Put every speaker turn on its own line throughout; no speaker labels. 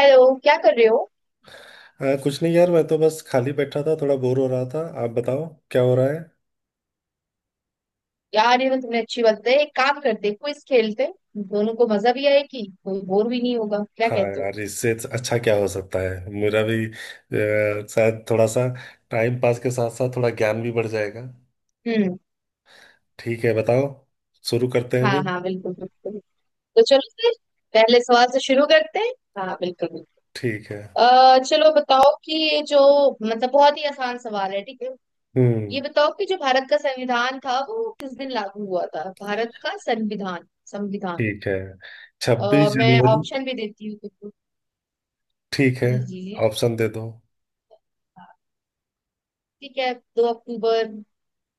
Hello, क्या कर रहे हो?
हाँ, कुछ नहीं यार, मैं तो बस खाली बैठा था, थोड़ा बोर हो रहा था। आप बताओ क्या हो रहा है।
यार, ये तो तुमने अच्छी बात है। एक काम करते, क्विज खेलते। दोनों को मजा भी आएगी, कोई बोर भी नहीं होगा। क्या
हाँ
कहते हो?
यार, इससे अच्छा क्या हो सकता है। मेरा भी शायद थोड़ा सा टाइम पास के साथ साथ थोड़ा ज्ञान भी बढ़ जाएगा।
हम्म।
ठीक है, बताओ, शुरू करते हैं
हाँ
फिर।
हाँ, बिल्कुल बिल्कुल। तो चलो फिर, पहले सवाल से शुरू करते हैं। हाँ, बिल्कुल बिल्कुल।
ठीक है।
चलो बताओ कि ये जो मतलब, बहुत ही आसान सवाल है। ठीक है। ये
हम्म।
बताओ कि जो भारत का संविधान था, वो किस दिन लागू हुआ था? भारत का संविधान, संविधान।
ठीक है। छब्बीस
मैं
जनवरी
ऑप्शन भी देती हूँ तुमको।
ठीक है,
जी जी जी।
ऑप्शन दे दो।
ठीक है। 2 अक्टूबर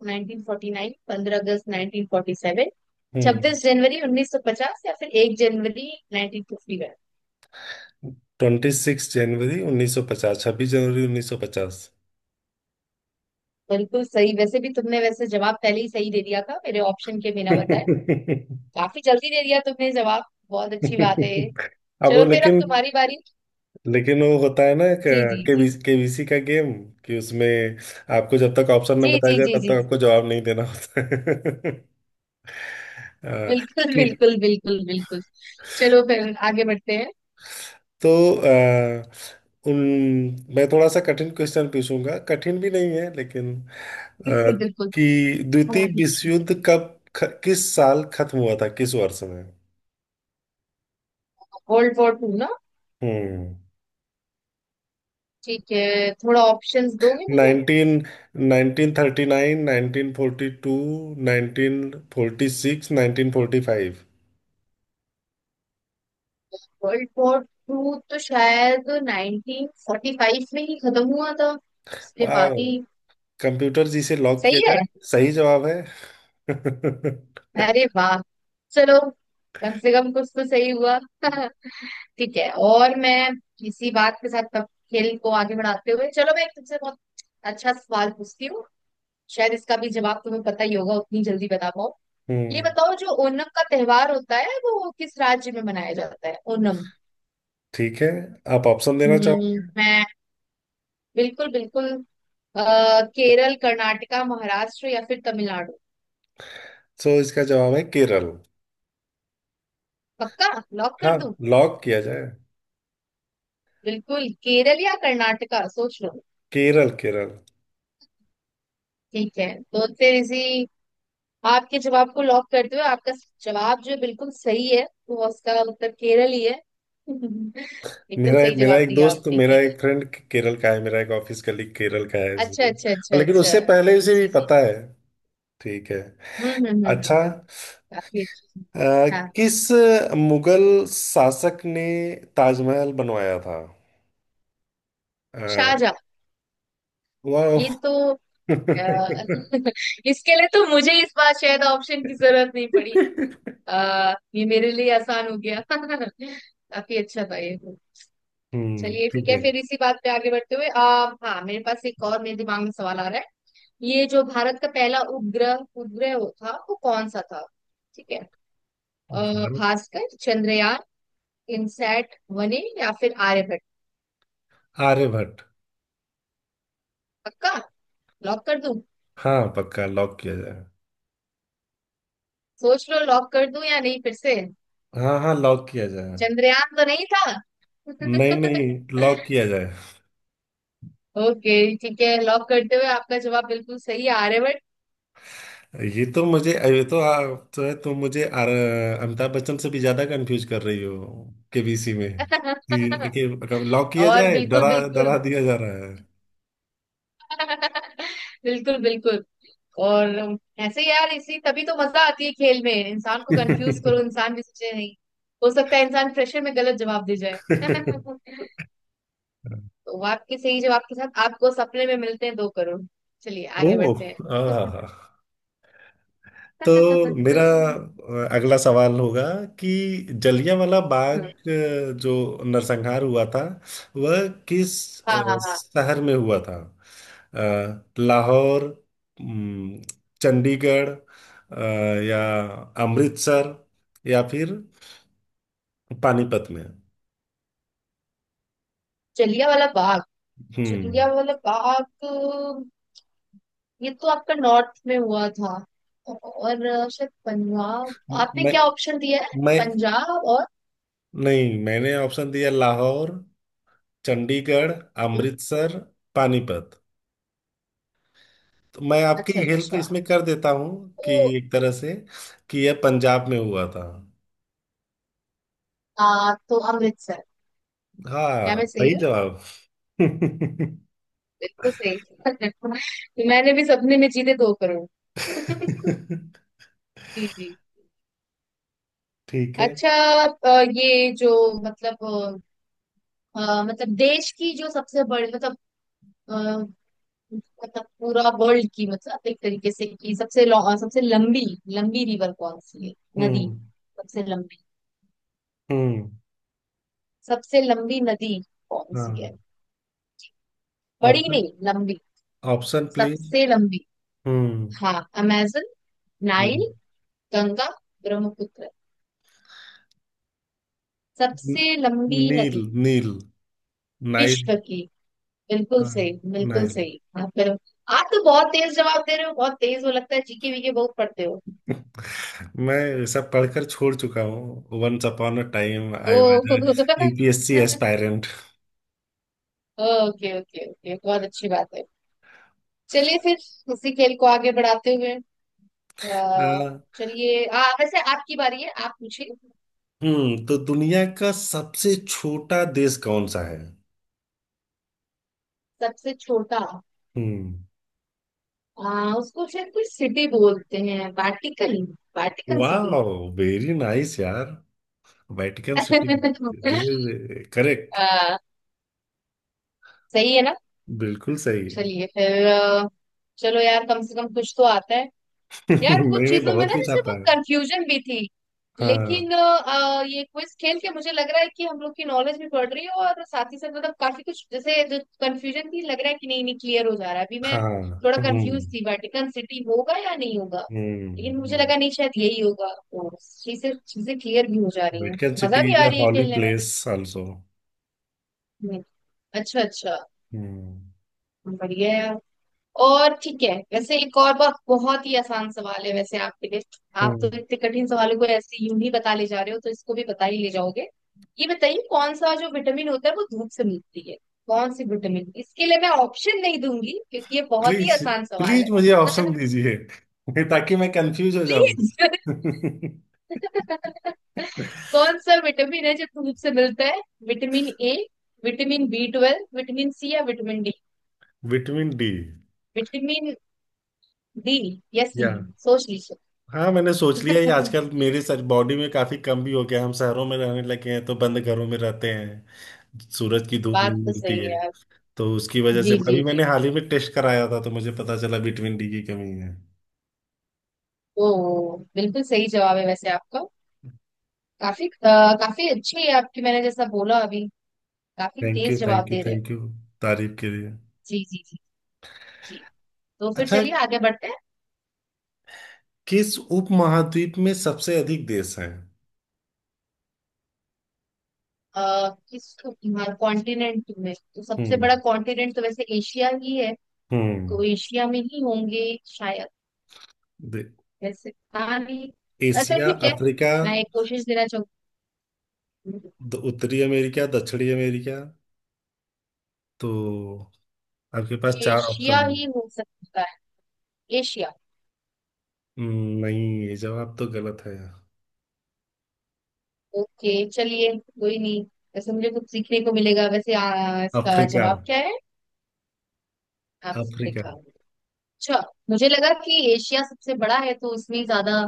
1949, 15 अगस्त 1947,
हम्म।
26 जनवरी 1950, या फिर 1 जनवरी 1951।
26 जनवरी 1950। 26 जनवरी 1950।
बिल्कुल सही। वैसे भी तुमने वैसे जवाब पहले ही सही दे दिया था, मेरे ऑप्शन के बिना बताए। काफी जल्दी दे दिया तुमने जवाब। बहुत अच्छी बात है।
अब वो
चलो फिर अब
लेकिन।
तुम्हारी बारी।
लेकिन वो होता है ना,
जी जी जी
केबीसी केबीसी का गेम कि उसमें आपको जब तक ऑप्शन ना
जी
बताया
जी
जाए
जी
तब
जी,
तक आपको जवाब नहीं देना होता है। अ,
बिल्कुल
ठीक।
बिल्कुल बिल्कुल बिल्कुल। चलो फिर आगे बढ़ते हैं।
तो अ, उन मैं थोड़ा सा कठिन क्वेश्चन पूछूंगा, कठिन भी नहीं है लेकिन अ,
बिल्कुल बिल्कुल।
कि द्वितीय
हाँ, ठीक है
विश्व
ठीक है।
युद्ध कब किस साल खत्म हुआ था, किस वर्ष में।
वर्ल्ड वॉर टू ना?
हम्म।
ठीक है, थोड़ा ऑप्शंस दोगे मुझे?
नाइनटीन 1939, 1942, 1946, 1945।
वर्ल्ड वॉर 2 तो शायद 1945 में ही खत्म हुआ था, इसके
वाह,
बाद ही।
कंप्यूटर जिसे लॉक किया
सही
जाए।
है।
सही जवाब है।
अरे वाह! चलो, कम से कम कुछ तो सही हुआ। ठीक है। और मैं इसी बात के साथ अब खेल को आगे बढ़ाते हुए, चलो मैं एक तुमसे बहुत अच्छा सवाल पूछती हूँ। शायद इसका भी जवाब तुम्हें पता ही होगा, उतनी जल्दी बता पाओ। ये
हम्म।
बताओ, जो ओणम का त्योहार होता है, वो किस राज्य में मनाया जाता है? ओणम।
ठीक है। आप ऑप्शन देना चाहोगे?
मैं, बिल्कुल बिल्कुल। अ, केरल, कर्नाटका, महाराष्ट्र, या फिर तमिलनाडु।
तो इसका जवाब है केरल।
पक्का? लॉक
हाँ,
कर दूं?
लॉक किया जाए।
बिल्कुल, केरल या कर्नाटका, सोच लो।
केरल, केरल।
ठीक है। तो फिर इसी, आपके जवाब को लॉक करते हुए, आपका जवाब जो है बिल्कुल सही है, तो उसका उत्तर केरल ही है। एकदम
मेरा
सही
मेरा
जवाब
एक
दिया
दोस्त,
आपने,
मेरा
केरल।
एक फ्रेंड केरल का है, मेरा एक ऑफिस कलीग केरल का है,
अच्छा
इसलिए।
अच्छा
और
अच्छा
लेकिन
अच्छा।
उससे पहले उसे
जी
भी
जी।
पता है। ठीक है।
हम्म।
अच्छा,
काफी अच्छी।
अ,
हाँ,
किस मुगल शासक ने ताजमहल बनवाया था? अ,
शाहजहाँ। ये
वाह।
तो अ, इसके लिए तो मुझे इस बार शायद ऑप्शन की जरूरत नहीं पड़ी। ये मेरे लिए आसान हो गया। काफी अच्छा था ये।
हम्म।
चलिए, ठीक
ठीक
है।
है।
फिर इसी बात पे आगे बढ़ते हुए, हाँ, मेरे पास एक और, मेरे दिमाग में सवाल आ रहा है। ये जो भारत का पहला उपग्रह, उपग्रह, वो था, वो कौन सा था? ठीक है।
भारत।
भास्कर, चंद्रयान, इनसैट वने, या फिर आर्यभट्ट।
आर्यभट्ट।
पक्का? लॉक कर दूं?
हाँ, पक्का लॉक किया जाए।
सोच लो, लॉक कर दूं या नहीं, फिर से?
हाँ हाँ, लॉक किया जाए।
चंद्रयान तो नहीं था।
नहीं नहीं, लॉक किया जाए।
ओके, ठीक है। लॉक करते हुए, आपका जवाब बिल्कुल सही है।
ये तो आप तो है तुम मुझे अमिताभ बच्चन से भी ज्यादा कंफ्यूज कर रही हो केबीसी में।
आर्यभट्ट।
कि लॉक किया
और,
जाए,
बिल्कुल
डरा डरा
बिल्कुल।
दिया जा रहा है।
बिल्कुल बिल्कुल। और ऐसे यार, इसी, तभी तो मजा आती है खेल में। इंसान को कंफ्यूज करो, इंसान भी सोचे नहीं। हो सकता है इंसान प्रेशर में गलत जवाब दे जाए। तो आपके सही जवाब के साथ आपको सपने में मिलते हैं 2 करोड़। चलिए आगे
ओह।
बढ़ते हैं।
आहा। तो मेरा अगला सवाल होगा कि जलियांवाला बाग जो नरसंहार हुआ था वह किस
हाँ हाँ हाँ,
शहर में हुआ था। लाहौर, उम, चंडीगढ़, या अमृतसर, या फिर पानीपत में।
जलिया वाला बाग,
हम्म।
जलिया वाला बाग, ये तो आपका नॉर्थ में हुआ था। और शायद पंजाब। आपने
मैं
क्या ऑप्शन दिया है?
मैं
पंजाब और?
नहीं, मैंने ऑप्शन दिया लाहौर, चंडीगढ़, अमृतसर, पानीपत। मैं आपकी
अच्छा
हेल्प
अच्छा।
इसमें कर देता हूँ,
तो
कि एक तरह से कि यह पंजाब में हुआ था।
तो अमृतसर। क्या
हाँ,
मैं सही
सही
हूँ?
जवाब।
बिल्कुल सही। मैंने भी सपने में जीते 2 करोड़। जी जी।
ठीक है।
अच्छा। ये जो मतलब, मतलब देश की जो सबसे बड़ी, मतलब मतलब पूरा वर्ल्ड की, मतलब एक तरीके से, कि सबसे सबसे लंबी, लंबी रिवर कौन सी है? नदी,
हम्म
सबसे लंबी,
हम्म।
सबसे लंबी नदी कौन सी
हाँ,
है? बड़ी
ऑप्शन
नहीं, लंबी,
ऑप्शन प्लीज।
सबसे लंबी।
हम्म,
हाँ, अमेजन,
हम्म।
नाइल, गंगा, ब्रह्मपुत्र। सबसे लंबी
नील,
नदी
नील, नाइल।
विश्व की? बिल्कुल
हाँ,
सही, बिल्कुल
नाइल।
सही। हाँ फिर, आप तो बहुत तेज जवाब दे रहे हो, बहुत तेज हो, लगता है जीके वीके बहुत पढ़ते हो।
मैं सब पढ़कर छोड़ चुका हूँ। Once upon a time
oh.
I was UPSC aspirant.
Okay okay okay, बहुत अच्छी बात है। चलिए फिर इसी खेल को आगे बढ़ाते हुए, अ, चलिए, वैसे, आपकी बारी है, आप पूछिए।
हम्म। तो दुनिया का सबसे छोटा देश कौन सा है?
सबसे छोटा?
हम्म।
उसको शायद कुछ सिटी बोलते हैं, वाटिकन। वाटिकन
वाह,
सिटी।
वेरी नाइस यार। Vatican city, this is correct.
Ah, सही है ना?
बिल्कुल सही है।
चलिए फिर, चलो यार, कम से कम कुछ तो आता है।
नहीं
यार, कुछ
नहीं,
चीजों में
बहुत
ना
कुछ
जैसे
आता
बहुत
है।
कंफ्यूजन भी थी,
हाँ
लेकिन ये क्विज खेल के मुझे लग रहा है कि हम लोग की नॉलेज भी बढ़ रही है, और साथ ही साथ, मतलब काफी कुछ जैसे जो कंफ्यूजन थी, लग रहा है कि नहीं नहीं क्लियर हो जा रहा है, अभी मैं
हाँ।
थोड़ा
हम्म
कंफ्यूज थी वेटिकन सिटी होगा या नहीं होगा। लेकिन
हम्म।
मुझे
नहीं।
लगा, नहीं, शायद यही होगा, तो चीजें चीजें क्लियर भी हो जा रही हैं,
वेटिकन
मजा
सिटी
भी
इज
आ
अ
रही है
हॉली
खेलने में।
Place also.
हम्म, अच्छा अच्छा।
हम्म
बढ़िया है। और ठीक है, वैसे एक और बात, बहुत ही आसान सवाल है वैसे आपके लिए। आप तो
हम्म।
इतने कठिन सवालों को ऐसे यूं ही बता ले जा रहे हो, तो इसको भी बता ही ले जाओगे। ये बताइए, कौन सा जो विटामिन होता है वो धूप से मिलती है, कौन सी विटामिन? इसके लिए मैं ऑप्शन नहीं दूंगी, क्योंकि ये बहुत ही
प्लीज
आसान सवाल
प्लीज मुझे
है।
ऑप्शन दीजिए, ताकि मैं कंफ्यूज हो जाऊं।
प्लीज। कौन सा विटामिन है जो धूप से मिलता है? Vitamin A, vitamin B 12, vitamin C, या vitamin D?
Vitamin D.
Vitamin D या सी? सोच लीजिए।
हाँ, मैंने सोच लिया। ये आजकल मेरे सर बॉडी में काफी कम भी हो गया, हम शहरों में रहने लगे हैं तो बंद घरों में रहते हैं, सूरज की धूप
बात
नहीं
तो
मिलती
सही
है।
है आप।
तो उसकी वजह से
जी जी
अभी
जी।
मैंने हाल ही में टेस्ट कराया था, तो मुझे पता चला विटामिन डी की कमी है।
ओ, बिल्कुल सही जवाब है वैसे आपका। काफी अच्छी है आपकी, मैंने जैसा बोला अभी, काफी
थैंक यू,
तेज जवाब
थैंक यू,
दे रहे हो।
थैंक यू, तारीफ के लिए।
जी जी जी जी। तो फिर
अच्छा,
चलिए आगे बढ़ते हैं।
किस उपमहाद्वीप में सबसे अधिक देश हैं?
किस कॉन्टिनेंट में? तो सबसे
हम्म
बड़ा कॉन्टिनेंट तो वैसे एशिया ही है। तो
हम्म।
एशिया में ही होंगे शायद,
दे-
वैसे। हाँ, नहीं, अच्छा,
एशिया,
ठीक है।
अफ्रीका,
मैं एक कोशिश देना चाहूंगी।
उत्तरी अमेरिका, दक्षिणी अमेरिका। तो आपके पास चार
एशिया
ऑप्शन है।
ही हो सकता है। एशिया।
नहीं, ये जवाब तो गलत है।
ओके, चलिए, कोई नहीं। वैसे मुझे कुछ सीखने को मिलेगा। वैसे, इसका
अफ्रीका।
जवाब क्या है?
अफ्रीका।
अफ्रीका? अच्छा। मुझे लगा कि एशिया सबसे बड़ा है, तो उसमें ही ज्यादा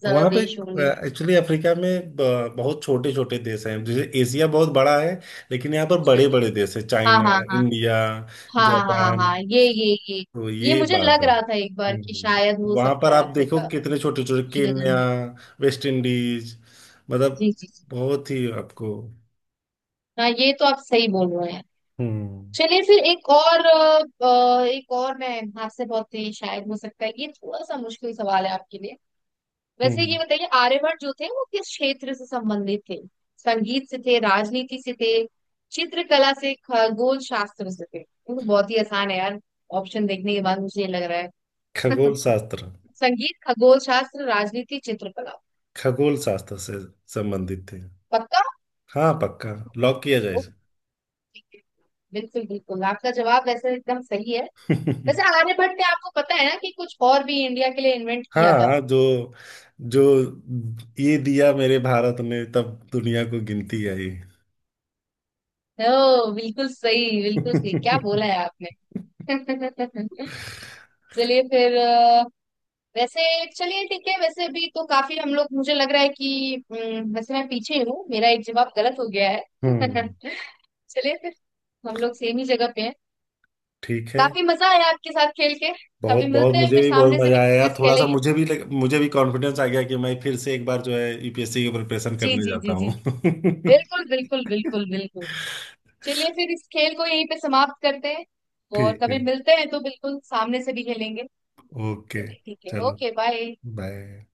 ज्यादा
वहां पे
देश होंगे।
एक्चुअली अफ्रीका में बहुत छोटे छोटे देश हैं, जैसे एशिया बहुत बड़ा है। लेकिन यहाँ पर
अच्छा,
बड़े
अच्छा।
बड़े देश हैं,
हाँ
चाइना,
हाँ हाँ
इंडिया,
हाँ हाँ
जापान,
हाँ, ये ये।
तो
ये
ये
मुझे
बात
लग
है।
रहा था एक बार कि
हम्म।
शायद हो
वहां
सकता
पर
है
आप देखो
अफ्रीका।
कितने छोटे छोटे,
मुझे लगा
केन्या,
नहीं।
वेस्ट इंडीज, मतलब
जी जी जी।
बहुत ही आपको।
हाँ, ये तो आप सही बोल रहे हैं।
हम्म
चलिए फिर, एक और एक और मैं आपसे, बहुत ही, शायद हो सकता है ये थोड़ा सा मुश्किल सवाल है आपके लिए। वैसे ये
हम्म।
बताइए, आर्यभट्ट जो थे वो किस क्षेत्र से संबंधित थे? संगीत से थे, राजनीति से थे, चित्रकला से, खगोल शास्त्र से थे? ये तो बहुत ही आसान है यार, ऑप्शन देखने के बाद मुझे ये लग रहा है।
खगोल शास्त्र,
संगीत, खगोल शास्त्र, राजनीति, चित्रकला।
खगोल शास्त्र से संबंधित थे।
पक्का?
हाँ, पक्का लॉक किया जाए
ओके,
इसे।
बिल्कुल बिल्कुल। आपका जवाब वैसे एकदम सही है। वैसे आर्यभट्ट ने, आपको पता है ना कि कुछ और भी इंडिया के लिए इन्वेंट किया था।
हाँ, जो जो ये दिया मेरे भारत ने, तब दुनिया को गिनती आई।
ओ बिल्कुल सही, बिल्कुल सही, क्या बोला
हम्म।
है आपने। चलिए फिर, वैसे, चलिए, ठीक है। वैसे भी तो काफी हम लोग, मुझे लग रहा है कि, वैसे, मैं पीछे हूँ, मेरा एक जवाब गलत हो गया है। चलिए फिर, हम लोग सेम ही जगह पे हैं।
ठीक है।
काफी मजा आया आपके साथ खेल के।
बहुत
कभी
बहुत
मिलते हैं
मुझे
फिर
भी बहुत
सामने से
मजा
भी
आया यार।
क्विज
थोड़ा सा
खेलेंगे।
मुझे भी कॉन्फिडेंस आ गया कि मैं फिर से एक बार जो है यूपीएससी की प्रिपरेशन
जी
करने
जी
जाता
जी जी,
हूँ।
बिल्कुल बिल्कुल बिल्कुल बिल्कुल। चलिए फिर इस खेल को यहीं पे समाप्त करते हैं, और
ठीक
कभी
है।
मिलते हैं तो बिल्कुल सामने से भी खेलेंगे।
ओके।
चलिए ठीक है,
चलो,
ओके, बाय।
बाय।